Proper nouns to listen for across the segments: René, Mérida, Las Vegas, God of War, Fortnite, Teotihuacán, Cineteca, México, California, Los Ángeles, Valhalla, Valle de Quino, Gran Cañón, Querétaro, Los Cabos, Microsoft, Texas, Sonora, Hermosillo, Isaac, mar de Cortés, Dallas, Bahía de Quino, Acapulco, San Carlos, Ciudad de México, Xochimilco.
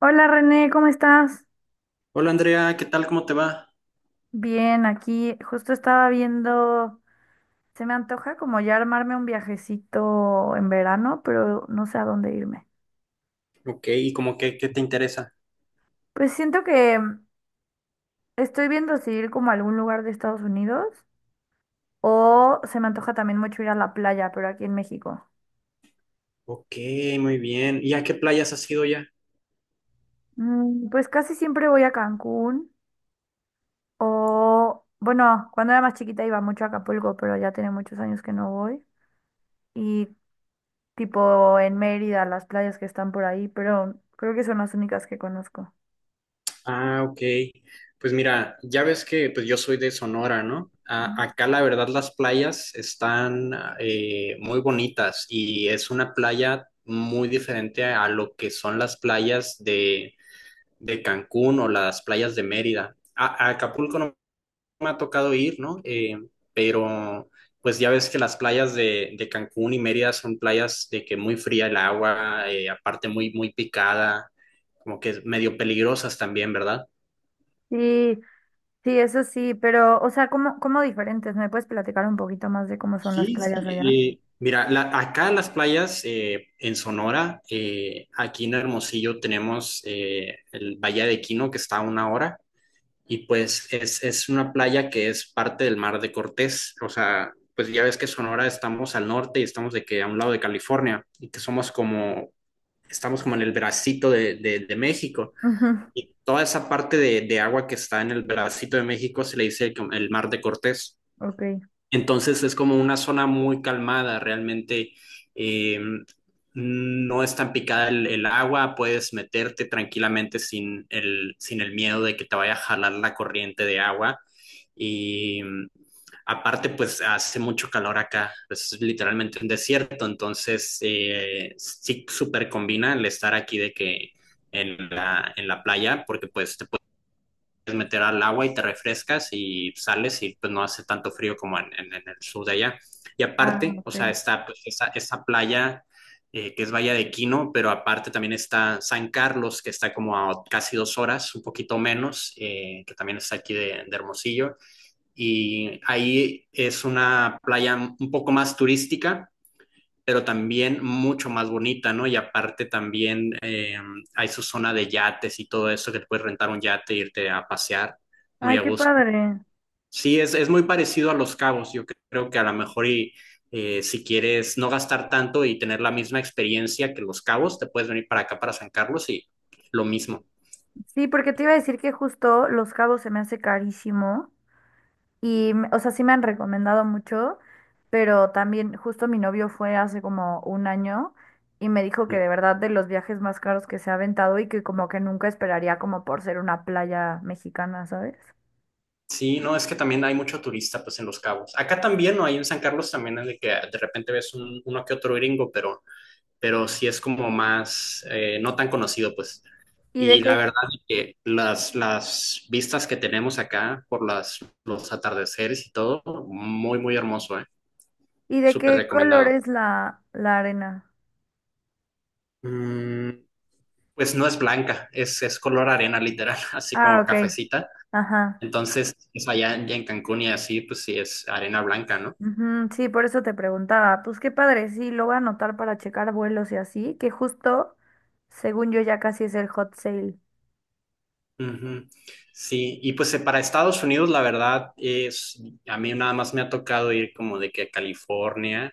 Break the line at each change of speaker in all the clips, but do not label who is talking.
Hola René, ¿cómo estás?
Hola Andrea, ¿qué tal? ¿Cómo te va?
Bien, aquí justo estaba viendo, se me antoja como ya armarme un viajecito en verano, pero no sé a dónde irme.
Ok, ¿y como que qué te interesa?
Pues siento que estoy viendo si ir como a algún lugar de Estados Unidos o se me antoja también mucho ir a la playa, pero aquí en México.
Ok, muy bien. ¿Y a qué playas has ido ya?
Pues casi siempre voy a Cancún o, bueno, cuando era más chiquita iba mucho a Acapulco, pero ya tiene muchos años que no voy. Y tipo en Mérida, las playas que están por ahí, pero creo que son las únicas que conozco.
Ah, ok. Pues mira, ya ves que pues yo soy de Sonora, ¿no?
Ujú.
Acá la verdad las playas están muy bonitas y es una playa muy diferente a, lo que son las playas de Cancún o las playas de Mérida. A Acapulco no me ha tocado ir, ¿no? Pero pues ya ves que las playas de Cancún y Mérida son playas de que muy fría el agua, aparte muy picada, como que medio peligrosas también, ¿verdad?
Sí, sí, eso sí, pero, o sea, ¿cómo diferentes? ¿Me puedes platicar un poquito más de cómo son las
Sí,
playas allá?
sí. Mira, acá las playas en Sonora, aquí en Hermosillo tenemos el Valle de Quino que está a 1 hora. Y pues es una playa que es parte del mar de Cortés, o sea, pues ya ves que Sonora estamos al norte y estamos de que a un lado de California y que somos como, estamos como en el bracito de México
Ujú.
y toda esa parte agua que está en el bracito de México se le dice el mar de Cortés.
Ok.
Entonces es como una zona muy calmada, realmente eh, no es tan picada el agua, puedes meterte tranquilamente sin sin el miedo de que te vaya a jalar la corriente de agua. Y aparte, pues hace mucho calor acá, pues, es literalmente un desierto, entonces sí súper combina el estar aquí de que en en la playa, porque pues te meter al agua y te refrescas y sales y pues no hace tanto frío como en el sur de allá. Y
Ah,
aparte, o
ok.
sea, está pues, esa playa que es Bahía de Quino, pero aparte también está San Carlos, que está como a casi 2 horas, un poquito menos, que también está aquí de Hermosillo. Y ahí es una playa un poco más turística pero también mucho más bonita, ¿no? Y aparte también hay su zona de yates y todo eso, que te puedes rentar un yate e irte a pasear muy
Ay,
a
qué
gusto.
padre.
Sí, es muy parecido a Los Cabos, yo creo que a lo mejor y, si quieres no gastar tanto y tener la misma experiencia que Los Cabos, te puedes venir para acá, para San Carlos y lo mismo.
Sí, porque te iba a decir que justo Los Cabos se me hace carísimo. Y, o sea, sí me han recomendado mucho, pero también justo mi novio fue hace como un año y me dijo que de verdad de los viajes más caros que se ha aventado y que como que nunca esperaría como por ser una playa mexicana, ¿sabes?
Sí, no, es que también hay mucho turista pues en Los Cabos. Acá también, ¿no? Ahí en San Carlos también es de que de repente ves un, uno que otro gringo, pero sí es como más, no tan conocido, pues.
¿Y de
Y la
qué,
verdad es que las vistas que tenemos acá por las, los atardeceres y todo, muy hermoso, ¿eh?
¿y de
Súper
qué color
recomendado.
es la, la arena?
Mm, pues no es blanca, es color arena literal, así
Ah,
como
ok.
cafecita.
Ajá.
Entonces, es allá en ya en Cancún y así, pues sí es arena blanca, ¿no?
Ujú, sí, por eso te preguntaba. Pues qué padre, sí, lo voy a anotar para checar vuelos y así, que justo, según yo, ya casi es el hot sale.
Ujú. Sí, y pues para Estados Unidos, la verdad es, a mí nada más me ha tocado ir como de que a California.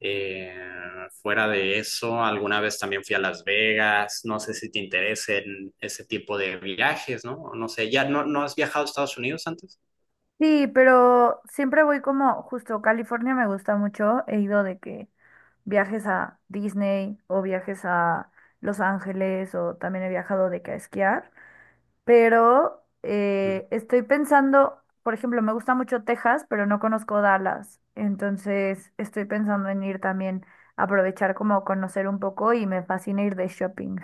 Eh, Fuera de eso, alguna vez también fui a Las Vegas. No sé si te interesen ese tipo de viajes, ¿no? No sé, ¿ya no, no has viajado a Estados Unidos antes?
Sí, pero siempre voy como, justo California me gusta mucho, he ido de que viajes a Disney o viajes a Los Ángeles o también he viajado de que a esquiar, pero
Ujú.
estoy pensando, por ejemplo, me gusta mucho Texas, pero no conozco Dallas, entonces estoy pensando en ir también, aprovechar como conocer un poco y me fascina ir de shopping.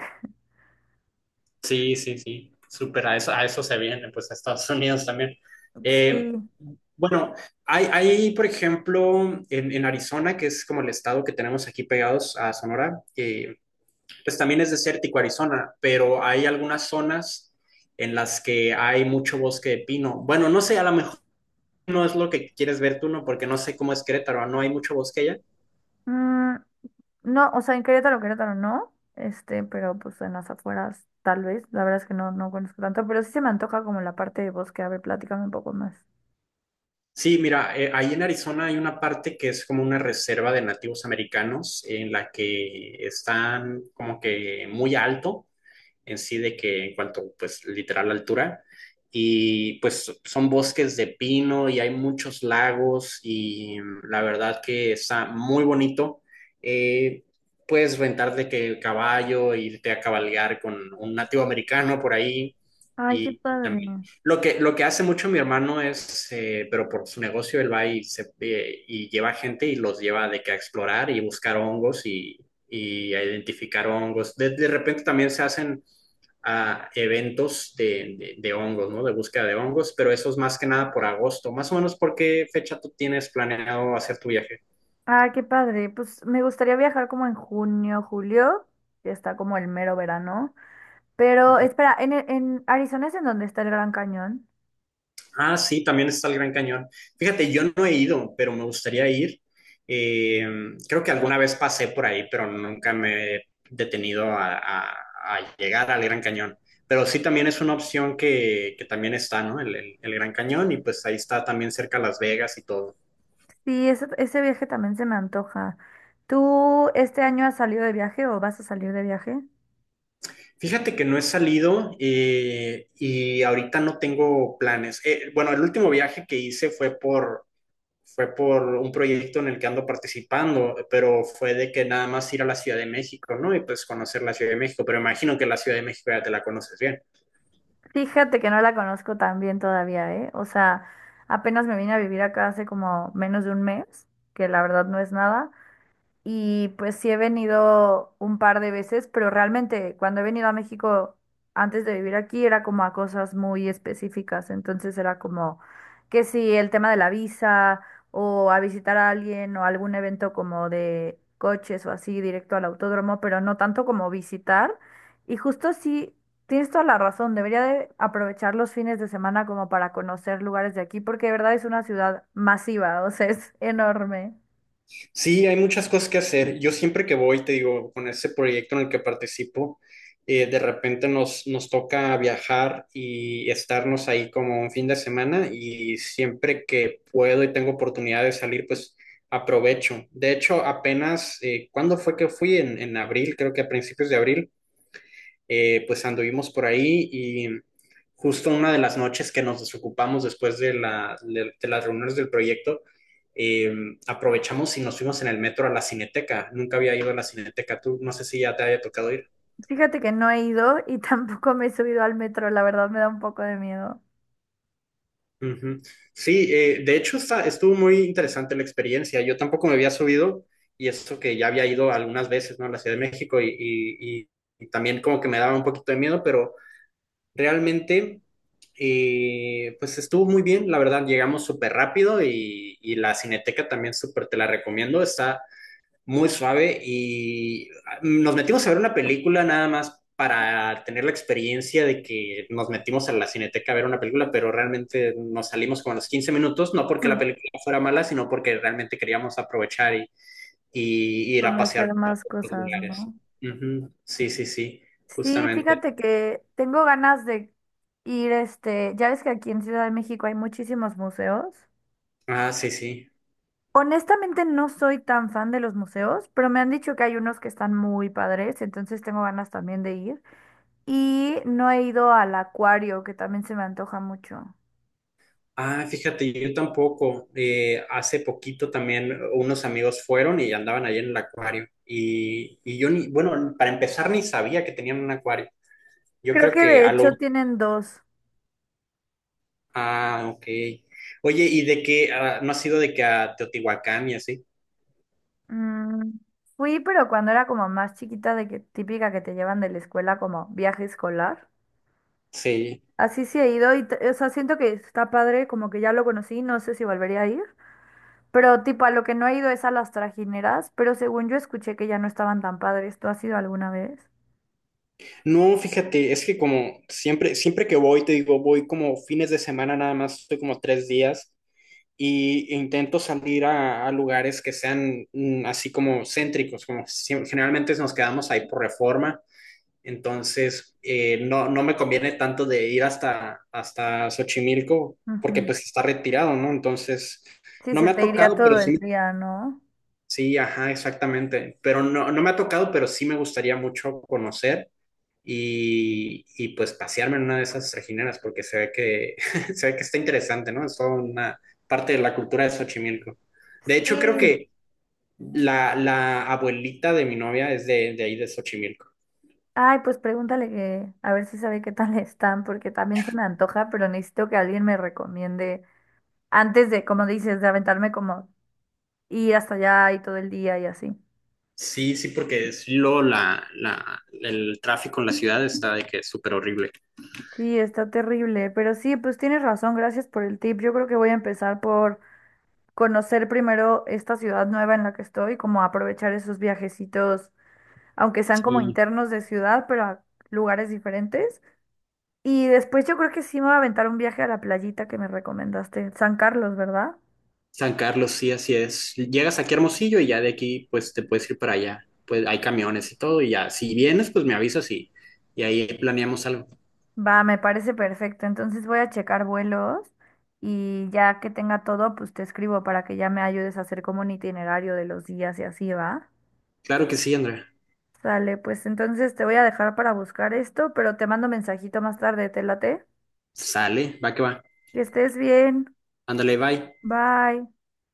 Sí, sí, sí. Súper, a eso se viene, pues a Estados Unidos también.
Sí.
Eh, bueno, hay, por ejemplo, en Arizona, que es como el estado que tenemos aquí pegados a Sonora, pues también es desértico Arizona, pero hay algunas zonas en las que hay mucho bosque de pino. Bueno, no sé, a lo mejor no es lo que quieres ver tú, ¿no? Porque no sé cómo es Querétaro, no hay mucho bosque allá.
Mm, no, o sea, en Querétaro, Querétaro no, este, pero pues en las afueras tal vez, la verdad es que no, no conozco tanto, pero sí se me antoja como la parte de bosque, a ver, platícame un poco más.
Sí, mira, ahí en Arizona hay una parte que es como una reserva de nativos americanos en la que están como que muy alto en sí de que en cuanto, pues, literal altura. Y pues son bosques de pino y hay muchos lagos y la verdad que está muy bonito. Eh, Puedes rentar de que caballo, irte a cabalgar con un nativo americano por ahí.
Ay, qué
Y
padre.
también lo que hace mucho mi hermano es, pero por su negocio, él va y, se, y lleva gente y los lleva de que a explorar y buscar hongos y a identificar hongos. De repente también se hacen a eventos de hongos, ¿no? De búsqueda de hongos, pero eso es más que nada por agosto. Más o menos, ¿por qué fecha tú tienes planeado hacer tu viaje?
Ah, qué padre. Pues me gustaría viajar como en junio, julio, que está como el mero verano. Pero
Ujú.
espera, en Arizona es en donde está el Gran Cañón.
Ah, sí, también está el Gran Cañón. Fíjate, yo no he ido, pero me gustaría ir. Eh, Creo que alguna vez pasé por ahí, pero nunca me he detenido a, a llegar al Gran Cañón. Pero sí también es una opción que también está, ¿no? El Gran Cañón y pues ahí está también cerca Las Vegas y todo.
Sí, ese viaje también se me antoja. ¿Tú este año has salido de viaje o vas a salir de viaje?
Fíjate que no he salido y ahorita no tengo planes. Bueno, el último viaje que hice fue por un proyecto en el que ando participando, pero fue de que nada más ir a la Ciudad de México, ¿no? Y pues conocer la Ciudad de México, pero imagino que la Ciudad de México ya te la conoces bien.
Fíjate que no la conozco tan bien todavía, ¿eh? O sea, apenas me vine a vivir acá hace como menos de un mes, que la verdad no es nada. Y pues sí he venido un par de veces, pero realmente cuando he venido a México antes de vivir aquí era como a cosas muy específicas. Entonces era como que si el tema de la visa o a visitar a alguien o algún evento como de coches o así directo al autódromo, pero no tanto como visitar. Y justo sí, tienes toda la razón, debería de aprovechar los fines de semana como para conocer lugares de aquí, porque de verdad es una ciudad masiva, o sea, es enorme.
Sí, hay muchas cosas que hacer. Yo siempre que voy, te digo, con ese proyecto en el que participo, de repente nos toca viajar y estarnos ahí como un fin de semana y siempre que puedo y tengo oportunidad de salir, pues aprovecho. De hecho, apenas, ¿cuándo fue que fui? En abril, creo que a principios de abril, pues anduvimos por ahí y justo una de las noches que nos desocupamos después de, de las reuniones del proyecto, eh, aprovechamos y nos fuimos en el metro a la Cineteca. Nunca había ido a la Cineteca, tú no sé si ya te había tocado ir.
Fíjate que no he ido y tampoco me he subido al metro, la verdad me da un poco de miedo.
Ujú. Sí, de hecho estuvo muy interesante la experiencia. Yo tampoco me había subido y eso que ya había ido algunas veces, ¿no? A la Ciudad de México y también como que me daba un poquito de miedo, pero realmente, pues estuvo muy bien, la verdad, llegamos súper rápido y la Cineteca también súper te la recomiendo, está muy suave y ah, nos metimos a ver una película nada más para tener la experiencia de que nos metimos a la Cineteca a ver una película, pero realmente nos salimos como a los 15 minutos, no porque la
mm,
película fuera mala, sino porque realmente queríamos aprovechar y ir a pasear
Conocer
por
más
otros
cosas,
lugares.
¿no?
Ujú, sí, sí, sí,
Sí,
justamente.
fíjate que tengo ganas de ir, este, ya ves que aquí en Ciudad de México hay muchísimos museos.
Ah, sí, sí.
Honestamente no soy tan fan de los museos, pero me han dicho que hay unos que están muy padres, entonces tengo ganas también de ir. Y no he ido al acuario, que también se me antoja mucho.
Ah, fíjate, yo tampoco. Hace poquito también unos amigos fueron y andaban ahí en el acuario. Y yo ni, bueno, para empezar ni sabía que tenían un acuario. Yo
Creo
creo
que
que
de
a lo...
hecho tienen dos.
Ah, ok. Oye, ¿y de qué? Ah, ¿no ha sido de que a Teotihuacán y así?
Mm, Fui, pero cuando era como más chiquita, de que típica que te llevan de la escuela como viaje escolar.
Sí.
Así sí he ido y, o sea, siento que está padre, como que ya lo conocí, no sé si volvería a ir. Pero tipo, a lo que no he ido es a las trajineras, pero según yo escuché que ya no estaban tan padres. ¿Tú has ido alguna vez?
No, fíjate, es que como siempre, siempre que voy, te digo, voy como fines de semana nada más, estoy como 3 días. Y intento salir a lugares que sean así como céntricos, como si- generalmente nos quedamos ahí por reforma, entonces no, no me conviene tanto de ir hasta Xochimilco porque
Ujú.
pues está retirado, ¿no? Entonces,
Sí,
no
se
me ha
te iría
tocado, pero
todo el
sí,
día, ¿no?
sí, ajá, exactamente, pero no, no me ha tocado, pero sí me gustaría mucho conocer y, pues pasearme en una de esas regineras porque se ve que, se ve que está interesante, ¿no? Es toda una parte de la cultura de Xochimilco. De hecho, creo
Sí.
que la abuelita de mi novia es de ahí de Xochimilco.
Ay, pues pregúntale que a ver si sabe qué tal están, porque también se me antoja, pero necesito que alguien me recomiende antes de, como dices, de aventarme como y hasta allá y todo el día y así.
Sí, sí, porque es lo, el tráfico en la ciudad está de que es súper horrible.
Sí, está terrible, pero sí, pues tienes razón, gracias por el tip. Yo creo que voy a empezar por conocer primero esta ciudad nueva en la que estoy, como aprovechar esos viajecitos, aunque sean como
Sí,
internos de ciudad, pero a lugares diferentes. Y después yo creo que sí me voy a aventar un viaje a la playita que me recomendaste, San Carlos, ¿verdad?
San Carlos, sí, así es. Llegas aquí a Hermosillo y ya de aquí, pues te puedes ir para allá. Pues hay camiones y todo, y ya, si vienes, pues me avisas y ahí planeamos algo.
Va, me parece perfecto. Entonces voy a checar vuelos y ya que tenga todo, pues te escribo para que ya me ayudes a hacer como un itinerario de los días y así va.
Claro que sí, Andrea.
Sale, pues entonces te voy a dejar para buscar esto, pero te mando mensajito más tarde, te late.
Sale, va que va.
Que estés bien.
Ándale, bye.
Bye.